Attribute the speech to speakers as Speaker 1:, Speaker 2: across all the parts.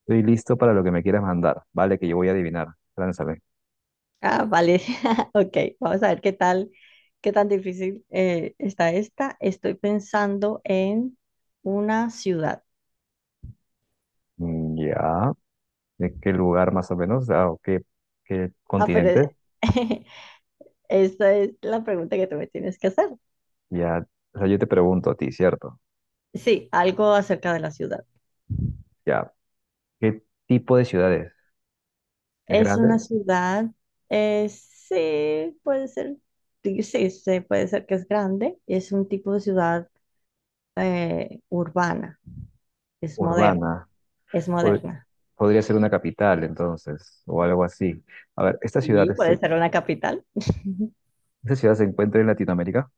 Speaker 1: Estoy listo para lo que me quieras mandar. Vale, que yo voy a adivinar. Lánzame.
Speaker 2: Ah, vale. Ok, vamos a ver qué tal, qué tan difícil está esta. Estoy pensando en una ciudad.
Speaker 1: Ya. ¿De qué lugar más o menos? Ah, ¿ qué
Speaker 2: Ah, pero
Speaker 1: continente?
Speaker 2: esta es la pregunta que tú me tienes que hacer.
Speaker 1: Ya. O sea, yo te pregunto a ti, ¿cierto?
Speaker 2: Sí, algo acerca de la ciudad.
Speaker 1: Ya. ¿Qué tipo de ciudad es? ¿Es
Speaker 2: Es una
Speaker 1: grande?
Speaker 2: ciudad, sí, puede ser, sí, sí, sí, puede ser que es grande. Es un tipo de ciudad urbana, es moderna,
Speaker 1: ¿Urbana?
Speaker 2: es
Speaker 1: Pod-
Speaker 2: moderna.
Speaker 1: ¿Podría ser una capital, entonces, o algo así? A ver, ¿esta
Speaker 2: Sí,
Speaker 1: ciudad,
Speaker 2: puede
Speaker 1: se-
Speaker 2: ser una capital.
Speaker 1: esta ciudad se encuentra en Latinoamérica?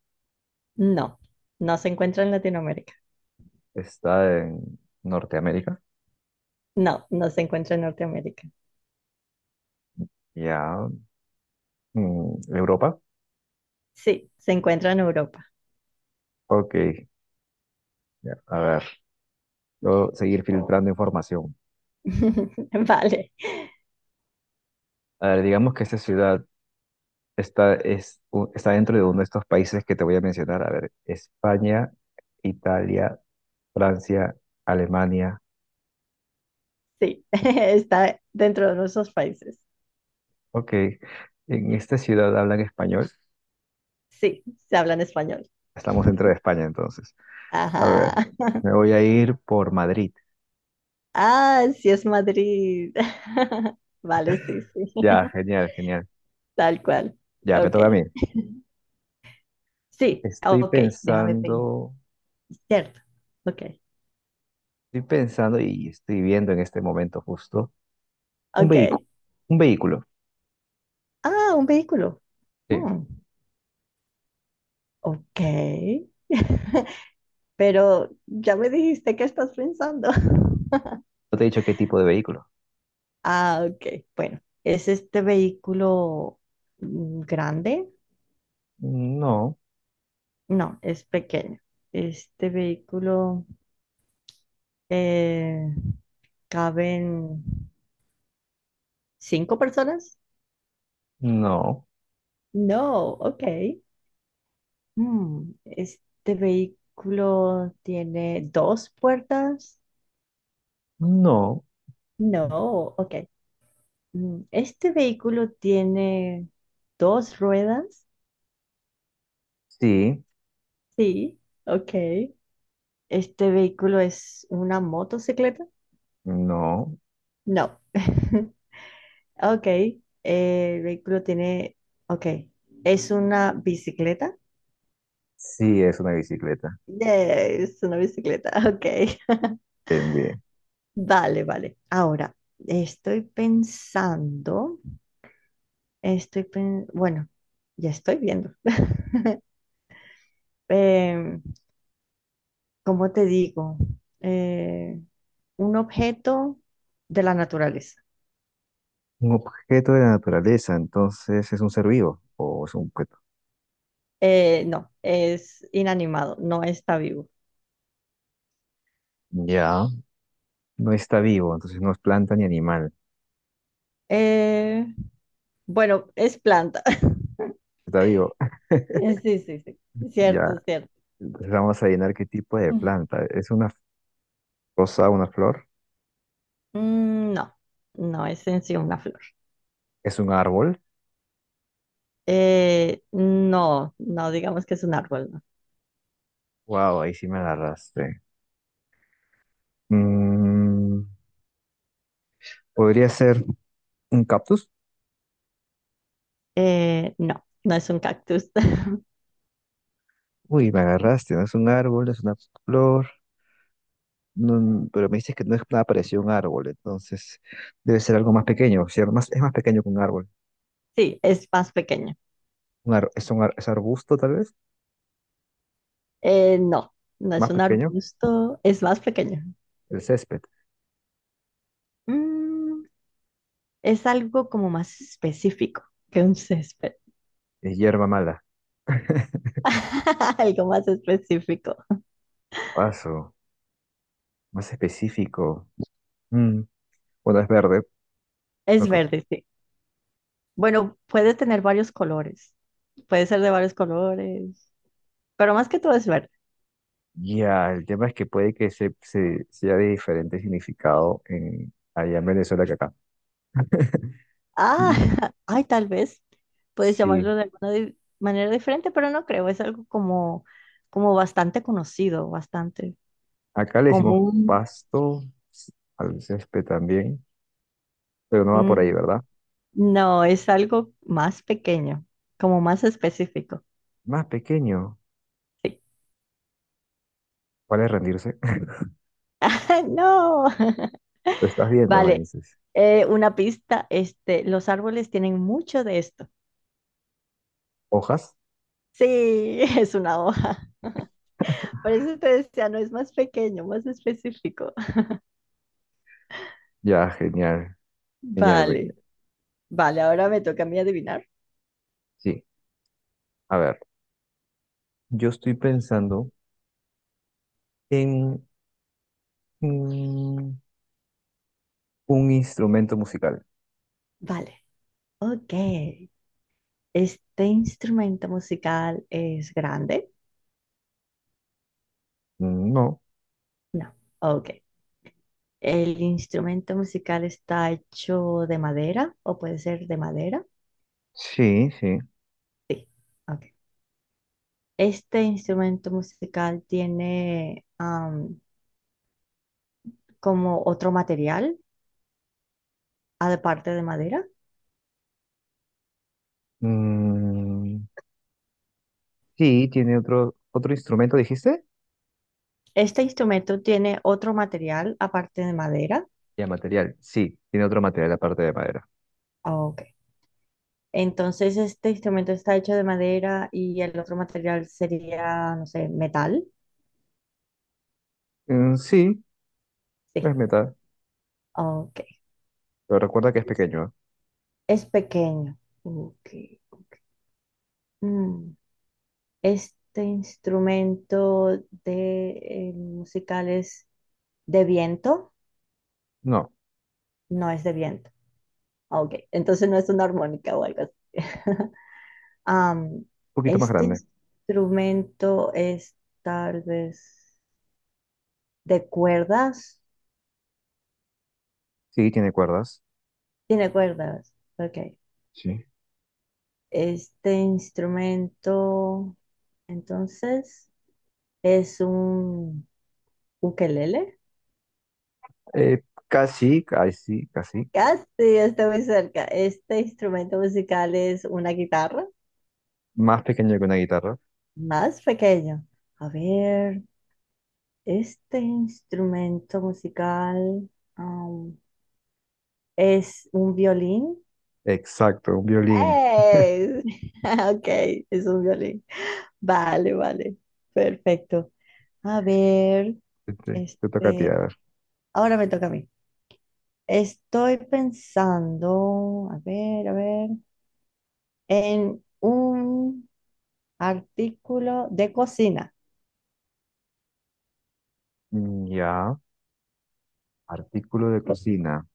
Speaker 2: No, no se encuentra en Latinoamérica.
Speaker 1: ¿Está en Norteamérica?
Speaker 2: No, no se encuentra en Norteamérica.
Speaker 1: Ya. ¿Europa?
Speaker 2: Sí, se encuentra en Europa.
Speaker 1: Ok. Ya. A ver, puedo seguir filtrando información.
Speaker 2: Vale,
Speaker 1: A ver, digamos que esta ciudad está dentro de uno de estos países que te voy a mencionar. A ver, España, Italia, Francia, Alemania.
Speaker 2: sí, está dentro de nuestros países.
Speaker 1: Ok, en esta ciudad hablan español.
Speaker 2: Sí, se habla en español.
Speaker 1: Estamos dentro de España entonces. A ver,
Speaker 2: Ajá.
Speaker 1: me voy a ir por Madrid.
Speaker 2: Ah, sí es Madrid. Vale, sí, sí,
Speaker 1: Ya, genial, genial.
Speaker 2: tal cual.
Speaker 1: Ya, me
Speaker 2: Ok,
Speaker 1: toca a mí.
Speaker 2: sí,
Speaker 1: Estoy
Speaker 2: ok, déjame pensar.
Speaker 1: pensando,
Speaker 2: Cierto, ok,
Speaker 1: estoy pensando y estoy viendo en este momento justo un vehículo.
Speaker 2: ok.
Speaker 1: Un vehículo.
Speaker 2: Ah, un vehículo.
Speaker 1: Sí.
Speaker 2: Hmm, ok. Pero ya me dijiste que estás pensando.
Speaker 1: ¿No te he dicho qué tipo de vehículo?
Speaker 2: Ah, ok. Bueno, ¿es este vehículo grande?
Speaker 1: No,
Speaker 2: No, es pequeño. Este vehículo eh, caben cinco personas.
Speaker 1: no.
Speaker 2: No, ok. ¿Este vehículo tiene dos puertas?
Speaker 1: No,
Speaker 2: No, ok. ¿Este vehículo tiene dos ruedas?
Speaker 1: sí,
Speaker 2: Sí, ok. ¿Este vehículo es una motocicleta?
Speaker 1: no,
Speaker 2: No. Ok. El vehículo tiene... Ok. ¿Es una bicicleta?
Speaker 1: sí es una bicicleta.
Speaker 2: Yes, es una bicicleta. Ok.
Speaker 1: Bien, bien.
Speaker 2: Vale, vale. Ahora, estoy pensando, bueno, ya estoy viendo. Em, ¿cómo te digo? Eh, un objeto de la naturaleza.
Speaker 1: Un objeto de la naturaleza, entonces ¿es un ser vivo o es un objeto?
Speaker 2: No, es inanimado, no está vivo.
Speaker 1: Ya. No está vivo, entonces no es planta ni animal.
Speaker 2: Eh, Bueno, es planta.
Speaker 1: Está vivo.
Speaker 2: Sí, sí, sí.
Speaker 1: Ya.
Speaker 2: Cierto, cierto.
Speaker 1: Entonces vamos a adivinar qué tipo de
Speaker 2: Mm.
Speaker 1: planta. ¿Es una rosa, una flor?
Speaker 2: No, no es en sí una flor.
Speaker 1: ¿Es un árbol?
Speaker 2: No, no digamos que es un árbol, no.
Speaker 1: Wow, ahí sí me agarraste. Mm, ¿Podría ser un cactus?
Speaker 2: No, no es un cactus.
Speaker 1: Uy, me agarraste. ¿No es un árbol, es una flor? No, pero me dices que no es nada parecido a un árbol, entonces debe ser algo más pequeño, ¿cierto? Más, es más pequeño que un árbol.
Speaker 2: Sí, es más pequeño.
Speaker 1: Es arbusto, tal vez,
Speaker 2: No, no es
Speaker 1: más
Speaker 2: un
Speaker 1: pequeño.
Speaker 2: arbusto, es más pequeño.
Speaker 1: ¿El césped
Speaker 2: Mm, es algo como más específico que un césped.
Speaker 1: es hierba mala?
Speaker 2: Algo más específico.
Speaker 1: Paso, más específico. Mm, Bueno, es verde. Lo
Speaker 2: Es
Speaker 1: que,
Speaker 2: verde, sí. Bueno, puede tener varios colores. Puede ser de varios colores. Pero más que todo es ver.
Speaker 1: ya, el tema es que puede que sea de diferente significado en, allá en Venezuela que acá.
Speaker 2: Ah,
Speaker 1: Mm,
Speaker 2: ay, tal vez puedes
Speaker 1: Sí,
Speaker 2: llamarlo de alguna manera diferente, pero no creo, es algo como, como bastante conocido, bastante
Speaker 1: acá le decimos
Speaker 2: común.
Speaker 1: pasto, al césped también, pero no va por ahí,
Speaker 2: Mm,
Speaker 1: ¿verdad?
Speaker 2: No, es algo más pequeño, como más específico.
Speaker 1: Más pequeño.
Speaker 2: Sí.
Speaker 1: ¿Cuál es? Rendirse.
Speaker 2: ¡Ah, no.
Speaker 1: Lo estás viendo, me
Speaker 2: Vale,
Speaker 1: dices.
Speaker 2: una pista, los árboles tienen mucho de esto.
Speaker 1: ¿Hojas?
Speaker 2: Sí, es una hoja. Por eso te decía, no es más pequeño, más específico.
Speaker 1: Ya, genial, genial, Bene.
Speaker 2: Vale. Vale, ahora me toca a mí adivinar.
Speaker 1: Sí, a ver, yo estoy pensando en mm, un instrumento musical.
Speaker 2: Vale, ok. ¿Este instrumento musical es grande?
Speaker 1: No,
Speaker 2: No, ok. ¿El instrumento musical está hecho de madera o puede ser de madera?
Speaker 1: sí, sí.
Speaker 2: Sí, ok. ¿Este instrumento musical tiene am, como otro material aparte de madera?
Speaker 1: Mm, sí, tiene otro instrumento, dijiste.
Speaker 2: ¿Este instrumento tiene otro material aparte de madera?
Speaker 1: Ya, material. Sí, tiene otro material aparte de madera.
Speaker 2: Ok. Entonces, este instrumento está hecho de madera y el otro material sería, no sé, metal.
Speaker 1: Sí,
Speaker 2: Sí.
Speaker 1: es metal,
Speaker 2: Ok.
Speaker 1: pero recuerda que es
Speaker 2: Es,
Speaker 1: pequeño, ¿eh?
Speaker 2: es pequeño. Ok. Mm, Este instrumento de musical es de viento.
Speaker 1: No, un
Speaker 2: No es de viento. Ok. Entonces no es una armónica o algo así. Am,
Speaker 1: poquito más
Speaker 2: este
Speaker 1: grande.
Speaker 2: instrumento es tal vez de cuerdas.
Speaker 1: Sí, tiene cuerdas.
Speaker 2: Tiene cuerdas. Ok.
Speaker 1: Sí.
Speaker 2: Este instrumento, entonces, es un ukelele.
Speaker 1: Eh, casi, casi, casi.
Speaker 2: Casi está muy cerca. Este instrumento musical es una guitarra
Speaker 1: Más pequeño que una guitarra.
Speaker 2: más pequeña. A ver, este instrumento musical, um, es un violín.
Speaker 1: Exacto, un violín.
Speaker 2: ¡Ey! Ok, es un violín. Vale, vale. Perfecto. A ver,
Speaker 1: Este, te toca a ti, a
Speaker 2: este,
Speaker 1: ver.
Speaker 2: ahora me toca a mí. Estoy pensando, a ver, en un artículo de cocina.
Speaker 1: Ya. Artículo de cocina.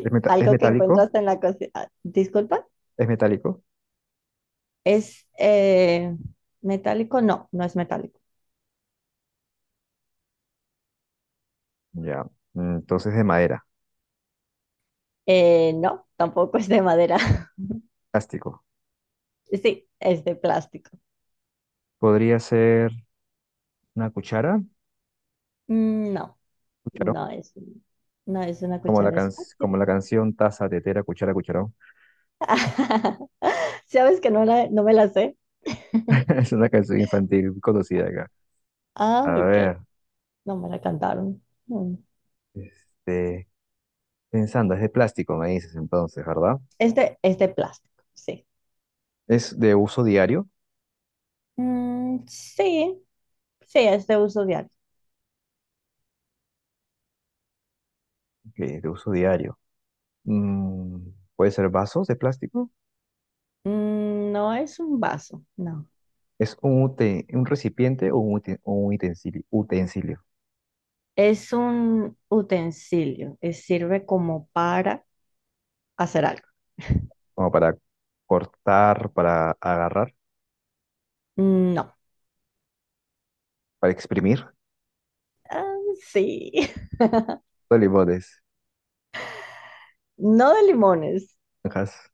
Speaker 1: ¿Es
Speaker 2: algo que
Speaker 1: metálico?
Speaker 2: encontraste en la cocina. Ah, Disculpa,
Speaker 1: ¿Es metálico?
Speaker 2: ¿es metálico? No, no es metálico.
Speaker 1: Ya. Entonces de madera.
Speaker 2: No, tampoco es de madera.
Speaker 1: Plástico.
Speaker 2: Sí, es de plástico.
Speaker 1: ¿Podría ser una cuchara?
Speaker 2: No,
Speaker 1: ¿Cucharón?
Speaker 2: no es, no es una
Speaker 1: Como la,
Speaker 2: cuchara, es
Speaker 1: can-
Speaker 2: plástico.
Speaker 1: Como la canción: taza, tetera, cuchara, cucharón.
Speaker 2: ¿Sabes que no, no me la sé?
Speaker 1: Es una canción infantil conocida acá.
Speaker 2: Ah,
Speaker 1: A
Speaker 2: ok,
Speaker 1: ver.
Speaker 2: no me la cantaron. Mm.
Speaker 1: Este, pensando, es de plástico, me dices entonces, ¿verdad?
Speaker 2: Es de plástico, sí.
Speaker 1: ¿Es de uso diario?
Speaker 2: Sí, sí, es de uso diario.
Speaker 1: Ok, de uso diario. Mm, ¿Puede ser vasos de plástico?
Speaker 2: No es un vaso, no.
Speaker 1: Es un, un recipiente o un, un utensilio, utensilio,
Speaker 2: Es un utensilio. Es sirve como para hacer algo.
Speaker 1: como para cortar, para agarrar,
Speaker 2: No.
Speaker 1: para exprimir
Speaker 2: Ah, sí.
Speaker 1: los limones.
Speaker 2: No de limones,
Speaker 1: Naranjas.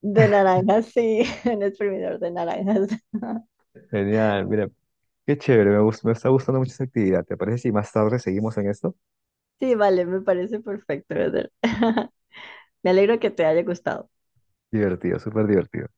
Speaker 2: de naranjas, sí. Un exprimidor de naranjas.
Speaker 1: Genial, mira, qué chévere, me está gustando mucho esa actividad. ¿Te parece si más tarde seguimos en esto?
Speaker 2: Sí, vale, me parece perfecto, Eder. Me alegro que te haya gustado.
Speaker 1: Divertido, súper divertido.